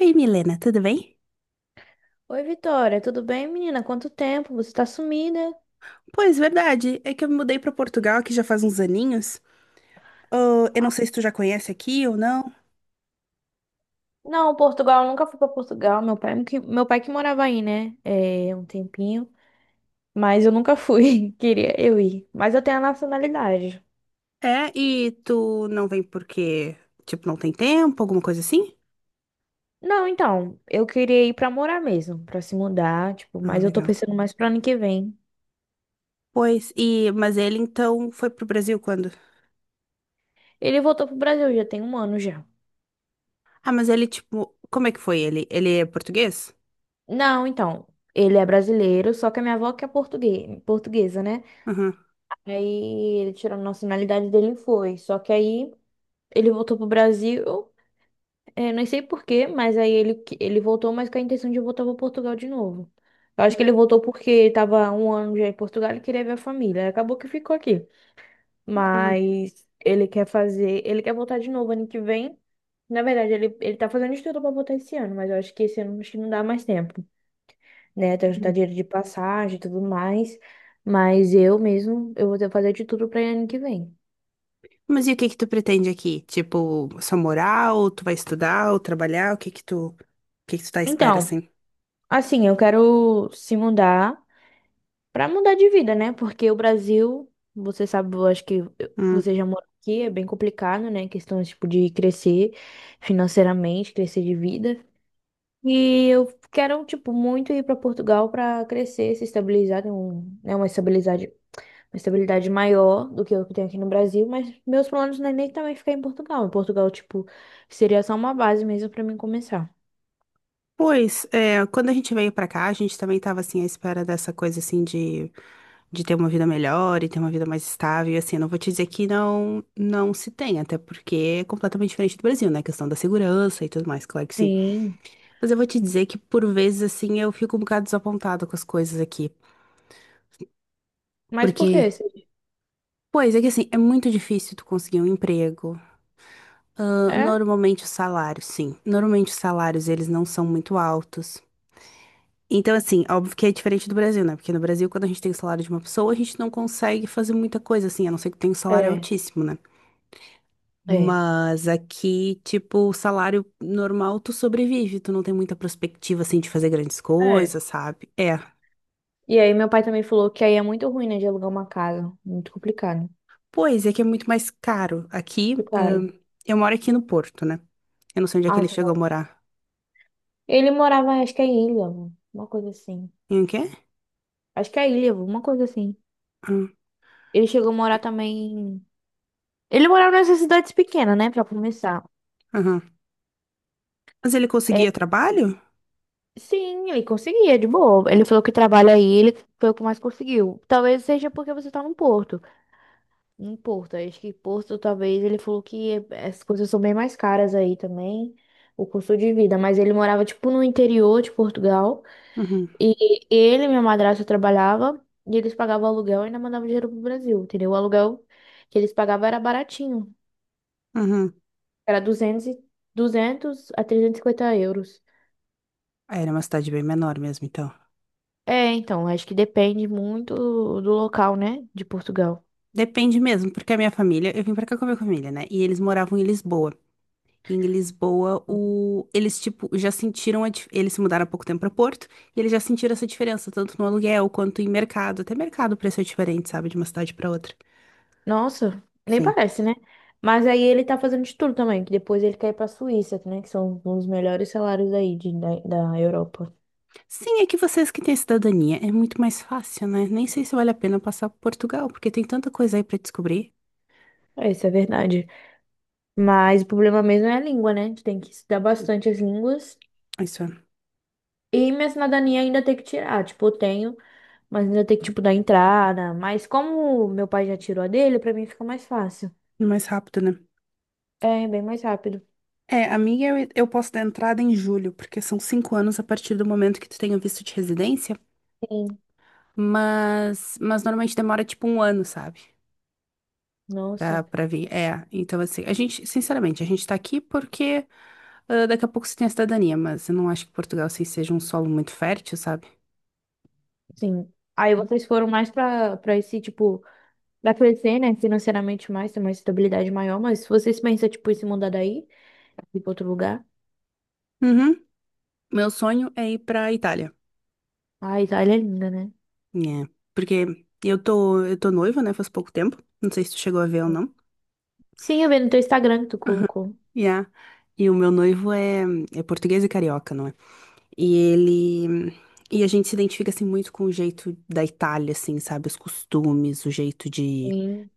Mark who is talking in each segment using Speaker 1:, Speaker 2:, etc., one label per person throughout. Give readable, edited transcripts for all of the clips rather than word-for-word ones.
Speaker 1: Oi, Milena, tudo bem?
Speaker 2: Oi, Vitória, tudo bem, menina? Quanto tempo? Você tá sumida?
Speaker 1: Pois, verdade. É que eu me mudei para Portugal aqui já faz uns aninhos. Ah, eu não
Speaker 2: Ah,
Speaker 1: sei se tu já conhece aqui ou não.
Speaker 2: Não, Portugal, eu nunca fui pra Portugal. Meu pai que morava aí, né? É, um tempinho. Mas eu nunca fui. Queria eu ir. Mas eu tenho a nacionalidade.
Speaker 1: É, e tu não vem porque, tipo, não tem tempo, alguma coisa assim?
Speaker 2: Não, então, eu queria ir pra morar mesmo, pra se mudar, tipo,
Speaker 1: Ah,
Speaker 2: mas eu tô
Speaker 1: legal.
Speaker 2: pensando mais pro ano que vem.
Speaker 1: Pois, e mas ele então foi pro Brasil quando?
Speaker 2: Ele voltou pro Brasil, já tem um ano já.
Speaker 1: Ah, mas ele tipo, como é que foi ele? Ele é português?
Speaker 2: Não, então, ele é brasileiro, só que a minha avó que é portuguesa, né?
Speaker 1: Aham.
Speaker 2: Aí ele tirou a nacionalidade dele e foi. Só que aí ele voltou pro Brasil, é, não sei por quê, mas aí ele voltou, mas com a intenção de voltar para Portugal de novo. Eu acho
Speaker 1: Hum,
Speaker 2: que ele voltou porque estava um ano já em Portugal e queria ver a família. Aí acabou que ficou aqui.
Speaker 1: hum,
Speaker 2: Mas ele quer fazer, ele quer voltar de novo ano que vem. Na verdade, ele tá fazendo estudo para voltar esse ano, mas eu acho que esse ano acho que não dá mais tempo, né? Tem que juntar
Speaker 1: hum.
Speaker 2: dinheiro de passagem e tudo mais. Mas eu mesmo, eu vou ter que fazer de tudo para ano que vem.
Speaker 1: Mas e o que que tu pretende aqui? Tipo, só morar ou tu vai estudar ou trabalhar? O que que tu, o que que tu tá à espera
Speaker 2: Então,
Speaker 1: assim?
Speaker 2: assim, eu quero se mudar, pra mudar de vida, né? Porque o Brasil, você sabe, eu acho que você já mora aqui, é bem complicado, né? Questão, tipo, de crescer financeiramente, crescer de vida. E eu quero, tipo, muito ir pra Portugal pra crescer, se estabilizar, ter um, né, uma estabilidade maior do que eu que tenho aqui no Brasil, mas meus planos não é nem também ficar em Portugal. Em Portugal, tipo, seria só uma base mesmo pra mim começar.
Speaker 1: Pois, é, quando a gente veio pra cá, a gente também tava, assim, à espera dessa coisa, assim, de ter uma vida melhor e ter uma vida mais estável, e, assim, não vou te dizer que não, não se tem, até porque é completamente diferente do Brasil, né, a questão da segurança e tudo mais, claro que sim.
Speaker 2: Sim.
Speaker 1: Mas eu vou te dizer que, por vezes, assim, eu fico um bocado desapontada com as coisas aqui,
Speaker 2: Mas por quê?
Speaker 1: porque, pois, é que, assim, é muito difícil tu conseguir um emprego. Ah,
Speaker 2: É?
Speaker 1: normalmente os salários, sim, normalmente os salários, eles não são muito altos. Então, assim, óbvio que é diferente do Brasil, né? Porque no Brasil, quando a gente tem o salário de uma pessoa, a gente não consegue fazer muita coisa, assim, a não ser que tenha um salário
Speaker 2: É,
Speaker 1: altíssimo, né?
Speaker 2: é,
Speaker 1: Mas aqui, tipo, o salário normal, tu sobrevive, tu não tem muita perspectiva, assim, de fazer grandes
Speaker 2: é. É.
Speaker 1: coisas, sabe? É.
Speaker 2: E aí meu pai também falou que aí é muito ruim, né, de alugar uma casa. Muito complicado.
Speaker 1: Pois é que é muito mais caro. Aqui,
Speaker 2: Muito caro.
Speaker 1: eu moro aqui no Porto, né? Eu não sei onde é que
Speaker 2: Ah,
Speaker 1: ele
Speaker 2: sei lá.
Speaker 1: chegou a morar.
Speaker 2: Ele morava, acho que é em Ilhavo, uma coisa assim.
Speaker 1: Em quê?
Speaker 2: Acho que é Ilhavo, uma coisa assim.
Speaker 1: Hum.
Speaker 2: Ele chegou a morar também. Ele morava nessas cidades pequenas, né, pra começar.
Speaker 1: Aham. Mas ele
Speaker 2: É,
Speaker 1: conseguia trabalho?
Speaker 2: sim, ele conseguia, de boa. Ele falou que trabalha aí, ele foi o que mais conseguiu. Talvez seja porque você tá no Porto. Em Porto, acho que Porto, talvez, ele falou que as coisas são bem mais caras aí também, o custo de vida. Mas ele morava, tipo, no interior de Portugal.
Speaker 1: Uhum,
Speaker 2: E ele, minha madrasta, trabalhava e eles pagavam aluguel e ainda mandavam dinheiro pro Brasil, entendeu? O aluguel que eles pagavam era baratinho,
Speaker 1: uhum.
Speaker 2: era 200 a 350 euros.
Speaker 1: Ah, era uma cidade bem menor mesmo, então.
Speaker 2: É, então, acho que depende muito do local, né, de Portugal.
Speaker 1: Depende mesmo, porque a minha família, eu vim pra cá com a minha família, né? E eles moravam em Lisboa. E em Lisboa, eles tipo já sentiram eles se mudaram há pouco tempo pra Porto, e eles já sentiram essa diferença, tanto no aluguel quanto em mercado. Até mercado o preço é diferente, sabe, de uma cidade pra outra.
Speaker 2: Nossa, nem
Speaker 1: Sim.
Speaker 2: parece, né? Mas aí ele tá fazendo de tudo também, que depois ele quer ir pra Suíça, né, que são um dos melhores salários aí da Europa.
Speaker 1: Sim, é que vocês que têm cidadania é muito mais fácil, né? Nem sei se vale a pena passar por Portugal, porque tem tanta coisa aí pra descobrir.
Speaker 2: É, isso é verdade. Mas o problema mesmo é a língua, né? A gente tem que estudar bastante as línguas.
Speaker 1: Isso
Speaker 2: E minha cidadania ainda tem que tirar. Tipo, eu tenho, mas ainda tem que, tipo, dar entrada. Mas como meu pai já tirou a dele, pra mim fica mais fácil.
Speaker 1: é mais rápido, né?
Speaker 2: É, bem mais rápido.
Speaker 1: É, a minha eu posso dar entrada em julho, porque são 5 anos a partir do momento que tu tenha visto de residência,
Speaker 2: Sim.
Speaker 1: mas normalmente demora tipo um ano, sabe?
Speaker 2: Nossa,
Speaker 1: Pra vir. É, então assim, a gente, sinceramente, a gente tá aqui porque ah, daqui a pouco você tem a cidadania, mas eu não acho que Portugal assim, seja um solo muito fértil, sabe?
Speaker 2: sim. Aí vocês foram mais pra esse, tipo, pra crescer, né? Financeiramente mais, ter uma estabilidade maior. Mas se vocês pensam, tipo, em se mudar daí, ir pra outro lugar.
Speaker 1: Uhum. Meu sonho é ir pra Itália.
Speaker 2: Ai, Itália é linda, né?
Speaker 1: É, porque eu tô noiva, né? Faz pouco tempo. Não sei se tu chegou a ver ou não.
Speaker 2: Sim, eu vi no teu Instagram que tu colocou.
Speaker 1: Yeah. E o meu noivo é, é português e carioca, não é? E ele. E a gente se identifica assim muito com o jeito da Itália, assim, sabe? Os costumes, o jeito de.
Speaker 2: Sim,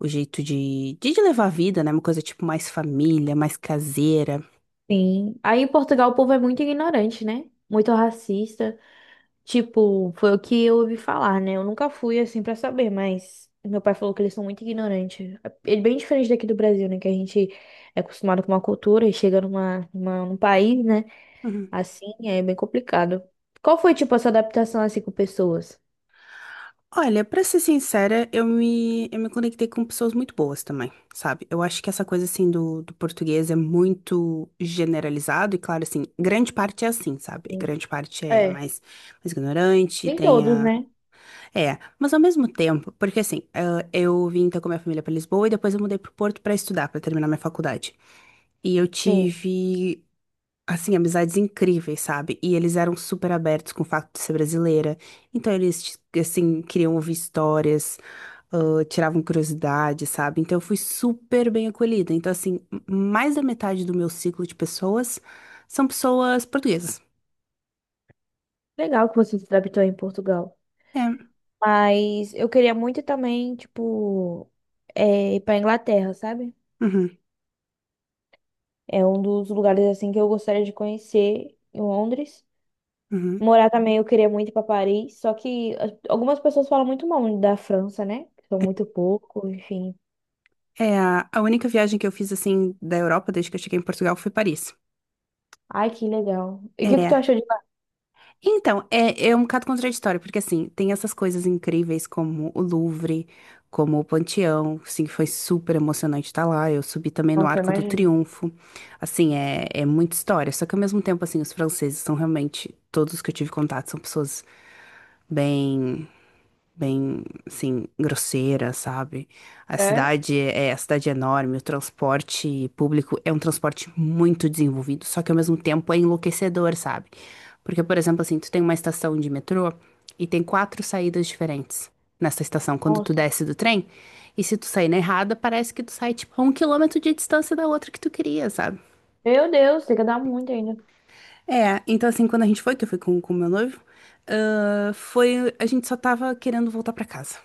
Speaker 1: O jeito de, de levar a vida, né? Uma coisa tipo mais família, mais caseira.
Speaker 2: sim. Aí em Portugal o povo é muito ignorante, né? Muito racista. Tipo, foi o que eu ouvi falar, né? Eu nunca fui assim pra saber, mas meu pai falou que eles são muito ignorantes. Ele é bem diferente daqui do Brasil, né? Que a gente é acostumado com uma cultura e chega num país, né?
Speaker 1: Uhum.
Speaker 2: Assim, é bem complicado. Qual foi, tipo, a sua adaptação assim com pessoas?
Speaker 1: Olha, pra ser sincera, eu me conectei com pessoas muito boas também, sabe? Eu acho que essa coisa, assim, do, português é muito generalizado e, claro, assim, grande parte é assim, sabe?
Speaker 2: Sim.
Speaker 1: Grande parte é
Speaker 2: É,
Speaker 1: mais, mais ignorante,
Speaker 2: nem
Speaker 1: tem
Speaker 2: todos,
Speaker 1: a.
Speaker 2: né?
Speaker 1: É, mas ao mesmo tempo, porque assim, ah, eu vim então com a minha família para Lisboa e depois eu mudei pro Porto para estudar, para terminar minha faculdade. E eu
Speaker 2: Sim.
Speaker 1: tive, assim, amizades incríveis, sabe? E eles eram super abertos com o fato de ser brasileira. Então eles, assim, queriam ouvir histórias, ah, tiravam curiosidade, sabe? Então eu fui super bem acolhida. Então, assim, mais da metade do meu ciclo de pessoas são pessoas portuguesas.
Speaker 2: Legal que você se adaptou em Portugal.
Speaker 1: É.
Speaker 2: Mas eu queria muito também, tipo, é, ir pra Inglaterra, sabe?
Speaker 1: Uhum,
Speaker 2: É um dos lugares assim que eu gostaria de conhecer em Londres.
Speaker 1: uhum.
Speaker 2: Morar também, eu queria muito ir pra Paris, só que algumas pessoas falam muito mal da França, né? São muito pouco, enfim.
Speaker 1: É, a única viagem que eu fiz, assim, da Europa, desde que eu cheguei em Portugal, foi Paris.
Speaker 2: Ai, que legal. E o que que tu
Speaker 1: É.
Speaker 2: achou de lá?
Speaker 1: Então, é, é um bocado contraditório, porque, assim, tem essas coisas incríveis como o Louvre, como o Panteão, assim, que foi super emocionante estar lá. Eu subi também no
Speaker 2: Nossa,
Speaker 1: Arco do
Speaker 2: imagina.
Speaker 1: Triunfo. Assim, é, é muita história. Só que, ao mesmo tempo, assim, os franceses são realmente, todos que eu tive contato, são pessoas bem. bem, assim, grosseira, sabe? A
Speaker 2: É?
Speaker 1: cidade é, é, a cidade é enorme, o transporte público é um transporte muito desenvolvido, só que ao mesmo tempo é enlouquecedor, sabe? Porque, por exemplo, assim, tu tem uma estação de metrô e tem quatro saídas diferentes nessa estação quando tu
Speaker 2: Nossa.
Speaker 1: desce do trem, e se tu sair na errada, parece que tu sai, tipo, a 1 km de distância da outra que tu queria, sabe?
Speaker 2: Meu Deus, tem que dar muito ainda.
Speaker 1: É, então assim, quando a gente foi, que eu fui com o meu noivo, ah, foi, a gente só tava querendo voltar pra casa.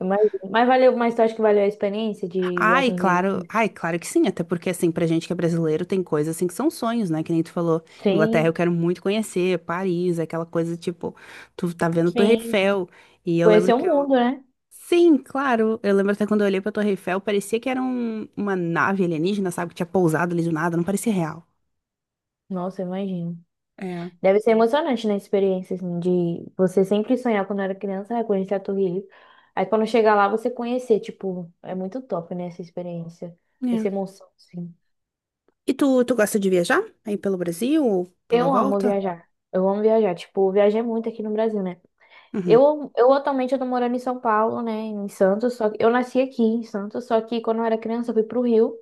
Speaker 2: Mas, mas valeu, mas tu acha que valeu a experiência de viajar?
Speaker 1: Ai, claro que sim, até porque assim, pra gente que é brasileiro, tem coisas assim que são sonhos, né? Que nem tu falou, Inglaterra eu
Speaker 2: Sim,
Speaker 1: quero muito conhecer, Paris, aquela coisa tipo, tu tá vendo a Torre
Speaker 2: sim.
Speaker 1: Eiffel, e eu
Speaker 2: Conhecer
Speaker 1: lembro
Speaker 2: o
Speaker 1: que eu.
Speaker 2: mundo, né?
Speaker 1: Sim, claro, eu lembro até quando eu olhei pra Torre Eiffel, parecia que era uma nave alienígena, sabe, que tinha pousado ali do nada, não parecia real.
Speaker 2: Nossa, imagina.
Speaker 1: É.
Speaker 2: Deve ser emocionante, na experiência, assim, de você sempre sonhar quando era criança, ah, conhecer a Torre Eiffel. Aí quando chegar lá, você conhecer, tipo, é muito top, né? Essa experiência, essa
Speaker 1: É.
Speaker 2: emoção, assim.
Speaker 1: E tu, gosta de viajar? Aí pelo Brasil ou pela
Speaker 2: Eu amo
Speaker 1: volta?
Speaker 2: viajar. Eu amo viajar. Tipo, eu viajei muito aqui no Brasil, né?
Speaker 1: Uhum.
Speaker 2: Eu atualmente eu tô morando em São Paulo, né? Em Santos, só que eu nasci aqui em Santos, só que quando eu era criança, eu fui pro Rio.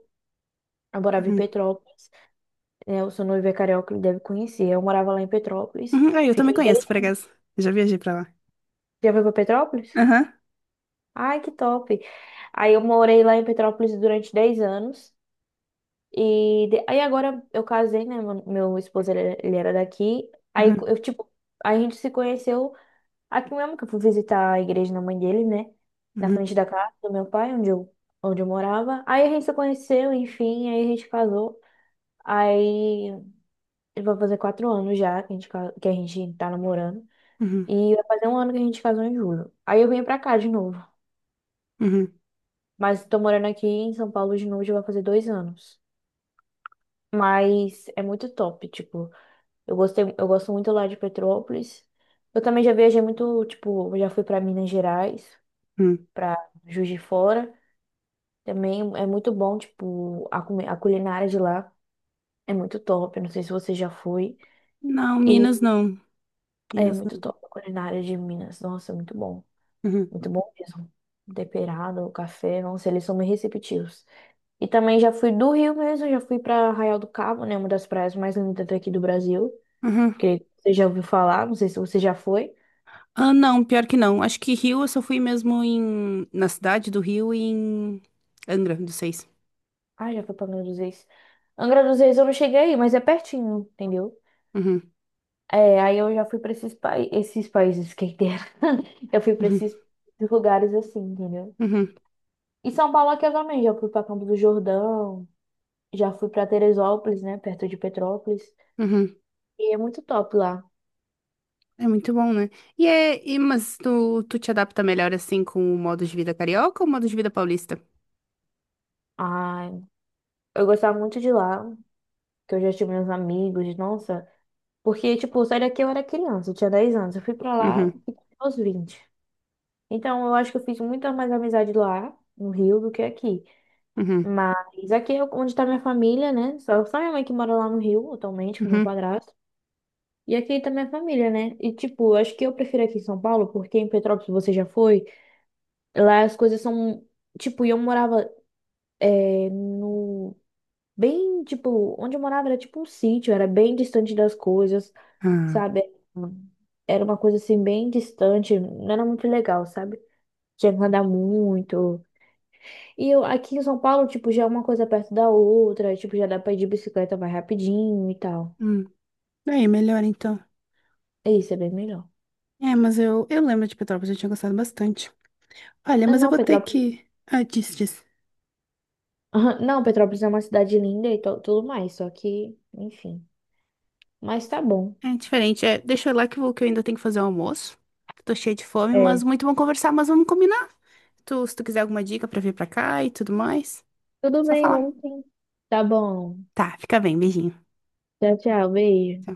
Speaker 2: Eu morava em
Speaker 1: Uhum.
Speaker 2: Petrópolis, né? O seu noivo é carioca, ele deve conhecer. Eu morava lá em Petrópolis.
Speaker 1: Uhum. Ah, eu também
Speaker 2: Fiquei 10...
Speaker 1: conheço, por acaso. Eu já viajei pra lá.
Speaker 2: Já foi pra Petrópolis?
Speaker 1: Aham.
Speaker 2: Ai, que top. Aí eu morei lá em Petrópolis durante 10 anos. Aí agora eu casei, né? Meu esposo, ele era daqui. Aí
Speaker 1: Uhum.
Speaker 2: eu, tipo, a gente se conheceu aqui mesmo, que eu fui visitar a igreja da mãe dele, né? Na frente
Speaker 1: Uhum.
Speaker 2: da casa do meu pai, onde eu morava. Aí a gente se conheceu, enfim, aí a gente casou. Aí vai fazer 4 anos já que que a gente tá namorando.
Speaker 1: Uhum.
Speaker 2: E vai fazer 1 ano que a gente casou em julho. Aí eu vim pra cá de novo.
Speaker 1: Uhum.
Speaker 2: Mas tô morando aqui em São Paulo de novo, já vai fazer 2 anos. Mas é muito top, tipo, eu gostei, eu gosto muito lá de Petrópolis. Eu também já viajei muito, tipo, eu já fui pra Minas Gerais,
Speaker 1: Uhum.
Speaker 2: pra Juiz de Fora. Também é muito bom, tipo, a culinária de lá é muito top. Eu não sei se você já foi.
Speaker 1: Não, Minas
Speaker 2: E
Speaker 1: não.
Speaker 2: é
Speaker 1: Minas
Speaker 2: muito
Speaker 1: não.
Speaker 2: top a culinária de Minas. Nossa, é muito bom.
Speaker 1: Uhum.
Speaker 2: Muito bom mesmo. Temperado, o café, nossa, eles são muito receptivos. E também já fui do Rio mesmo, já fui para Arraial do Cabo, né? Uma das praias mais lindas daqui do Brasil.
Speaker 1: Uhum.
Speaker 2: Que você já ouviu falar, não sei se você já foi.
Speaker 1: Ah, não, pior que não. Acho que Rio eu só fui mesmo em na cidade do Rio e em Angra dos Seis.
Speaker 2: Ah, já foi para Angra dos Reis. Angra dos Reis eu não cheguei aí, mas é pertinho, entendeu?
Speaker 1: Uhum.
Speaker 2: É, aí eu já fui para esses países, quem dera. Eu fui para
Speaker 1: Uhum.
Speaker 2: esses lugares assim, entendeu?
Speaker 1: Uhum.
Speaker 2: E São Paulo aqui eu também, já fui para Campo do Jordão, já fui para Teresópolis, né? Perto de Petrópolis.
Speaker 1: Uhum.
Speaker 2: E é muito top lá.
Speaker 1: É muito bom, né? E é mas tu, te adapta melhor assim com o modo de vida carioca ou o modo de vida paulista?
Speaker 2: Ai, eu gostava muito de lá, que eu já tive meus amigos, nossa. Porque, tipo, saí daqui eu era criança, eu tinha 10 anos. Eu fui pra lá
Speaker 1: Uhum.
Speaker 2: aos 20. Então, eu acho que eu fiz muita mais amizade lá, no Rio, do que aqui.
Speaker 1: Uhum.
Speaker 2: Mas aqui é onde tá minha família, né? Só minha mãe que mora lá no Rio, atualmente, com meu
Speaker 1: Uhum.
Speaker 2: padrasto. E aqui tá minha família, né? E, tipo, eu acho que eu prefiro aqui em São Paulo, porque em Petrópolis você já foi. Lá as coisas são. Tipo, e eu morava é, no. Bem, tipo, onde eu morava era tipo um sítio, era bem distante das coisas,
Speaker 1: Ah.
Speaker 2: sabe? Era uma coisa assim bem distante, não era muito legal, sabe? Tinha que andar muito. E eu aqui em São Paulo, tipo, já é uma coisa perto da outra, tipo, já dá pra ir de bicicleta mais rapidinho e tal.
Speaker 1: Hum. É, melhor então.
Speaker 2: E isso é bem melhor.
Speaker 1: É, mas eu lembro de Petrópolis, eu tinha gostado bastante. Olha,
Speaker 2: Ah,
Speaker 1: mas eu
Speaker 2: não,
Speaker 1: vou ter
Speaker 2: Petrópolis.
Speaker 1: que. Ah, disse, disse.
Speaker 2: Não, Petrópolis é uma cidade linda e tudo mais, só que, enfim. Mas tá bom.
Speaker 1: É diferente. É, deixa eu ir lá que eu, que eu ainda tenho que fazer o almoço. Tô cheia de fome,
Speaker 2: É.
Speaker 1: mas muito bom conversar, mas vamos combinar. Tu, se tu quiser alguma dica pra vir pra cá e tudo mais,
Speaker 2: Tudo
Speaker 1: só
Speaker 2: bem,
Speaker 1: falar.
Speaker 2: vamos sim. Tá bom.
Speaker 1: Tá, fica bem, beijinho.
Speaker 2: Tchau, tchau. Beijo.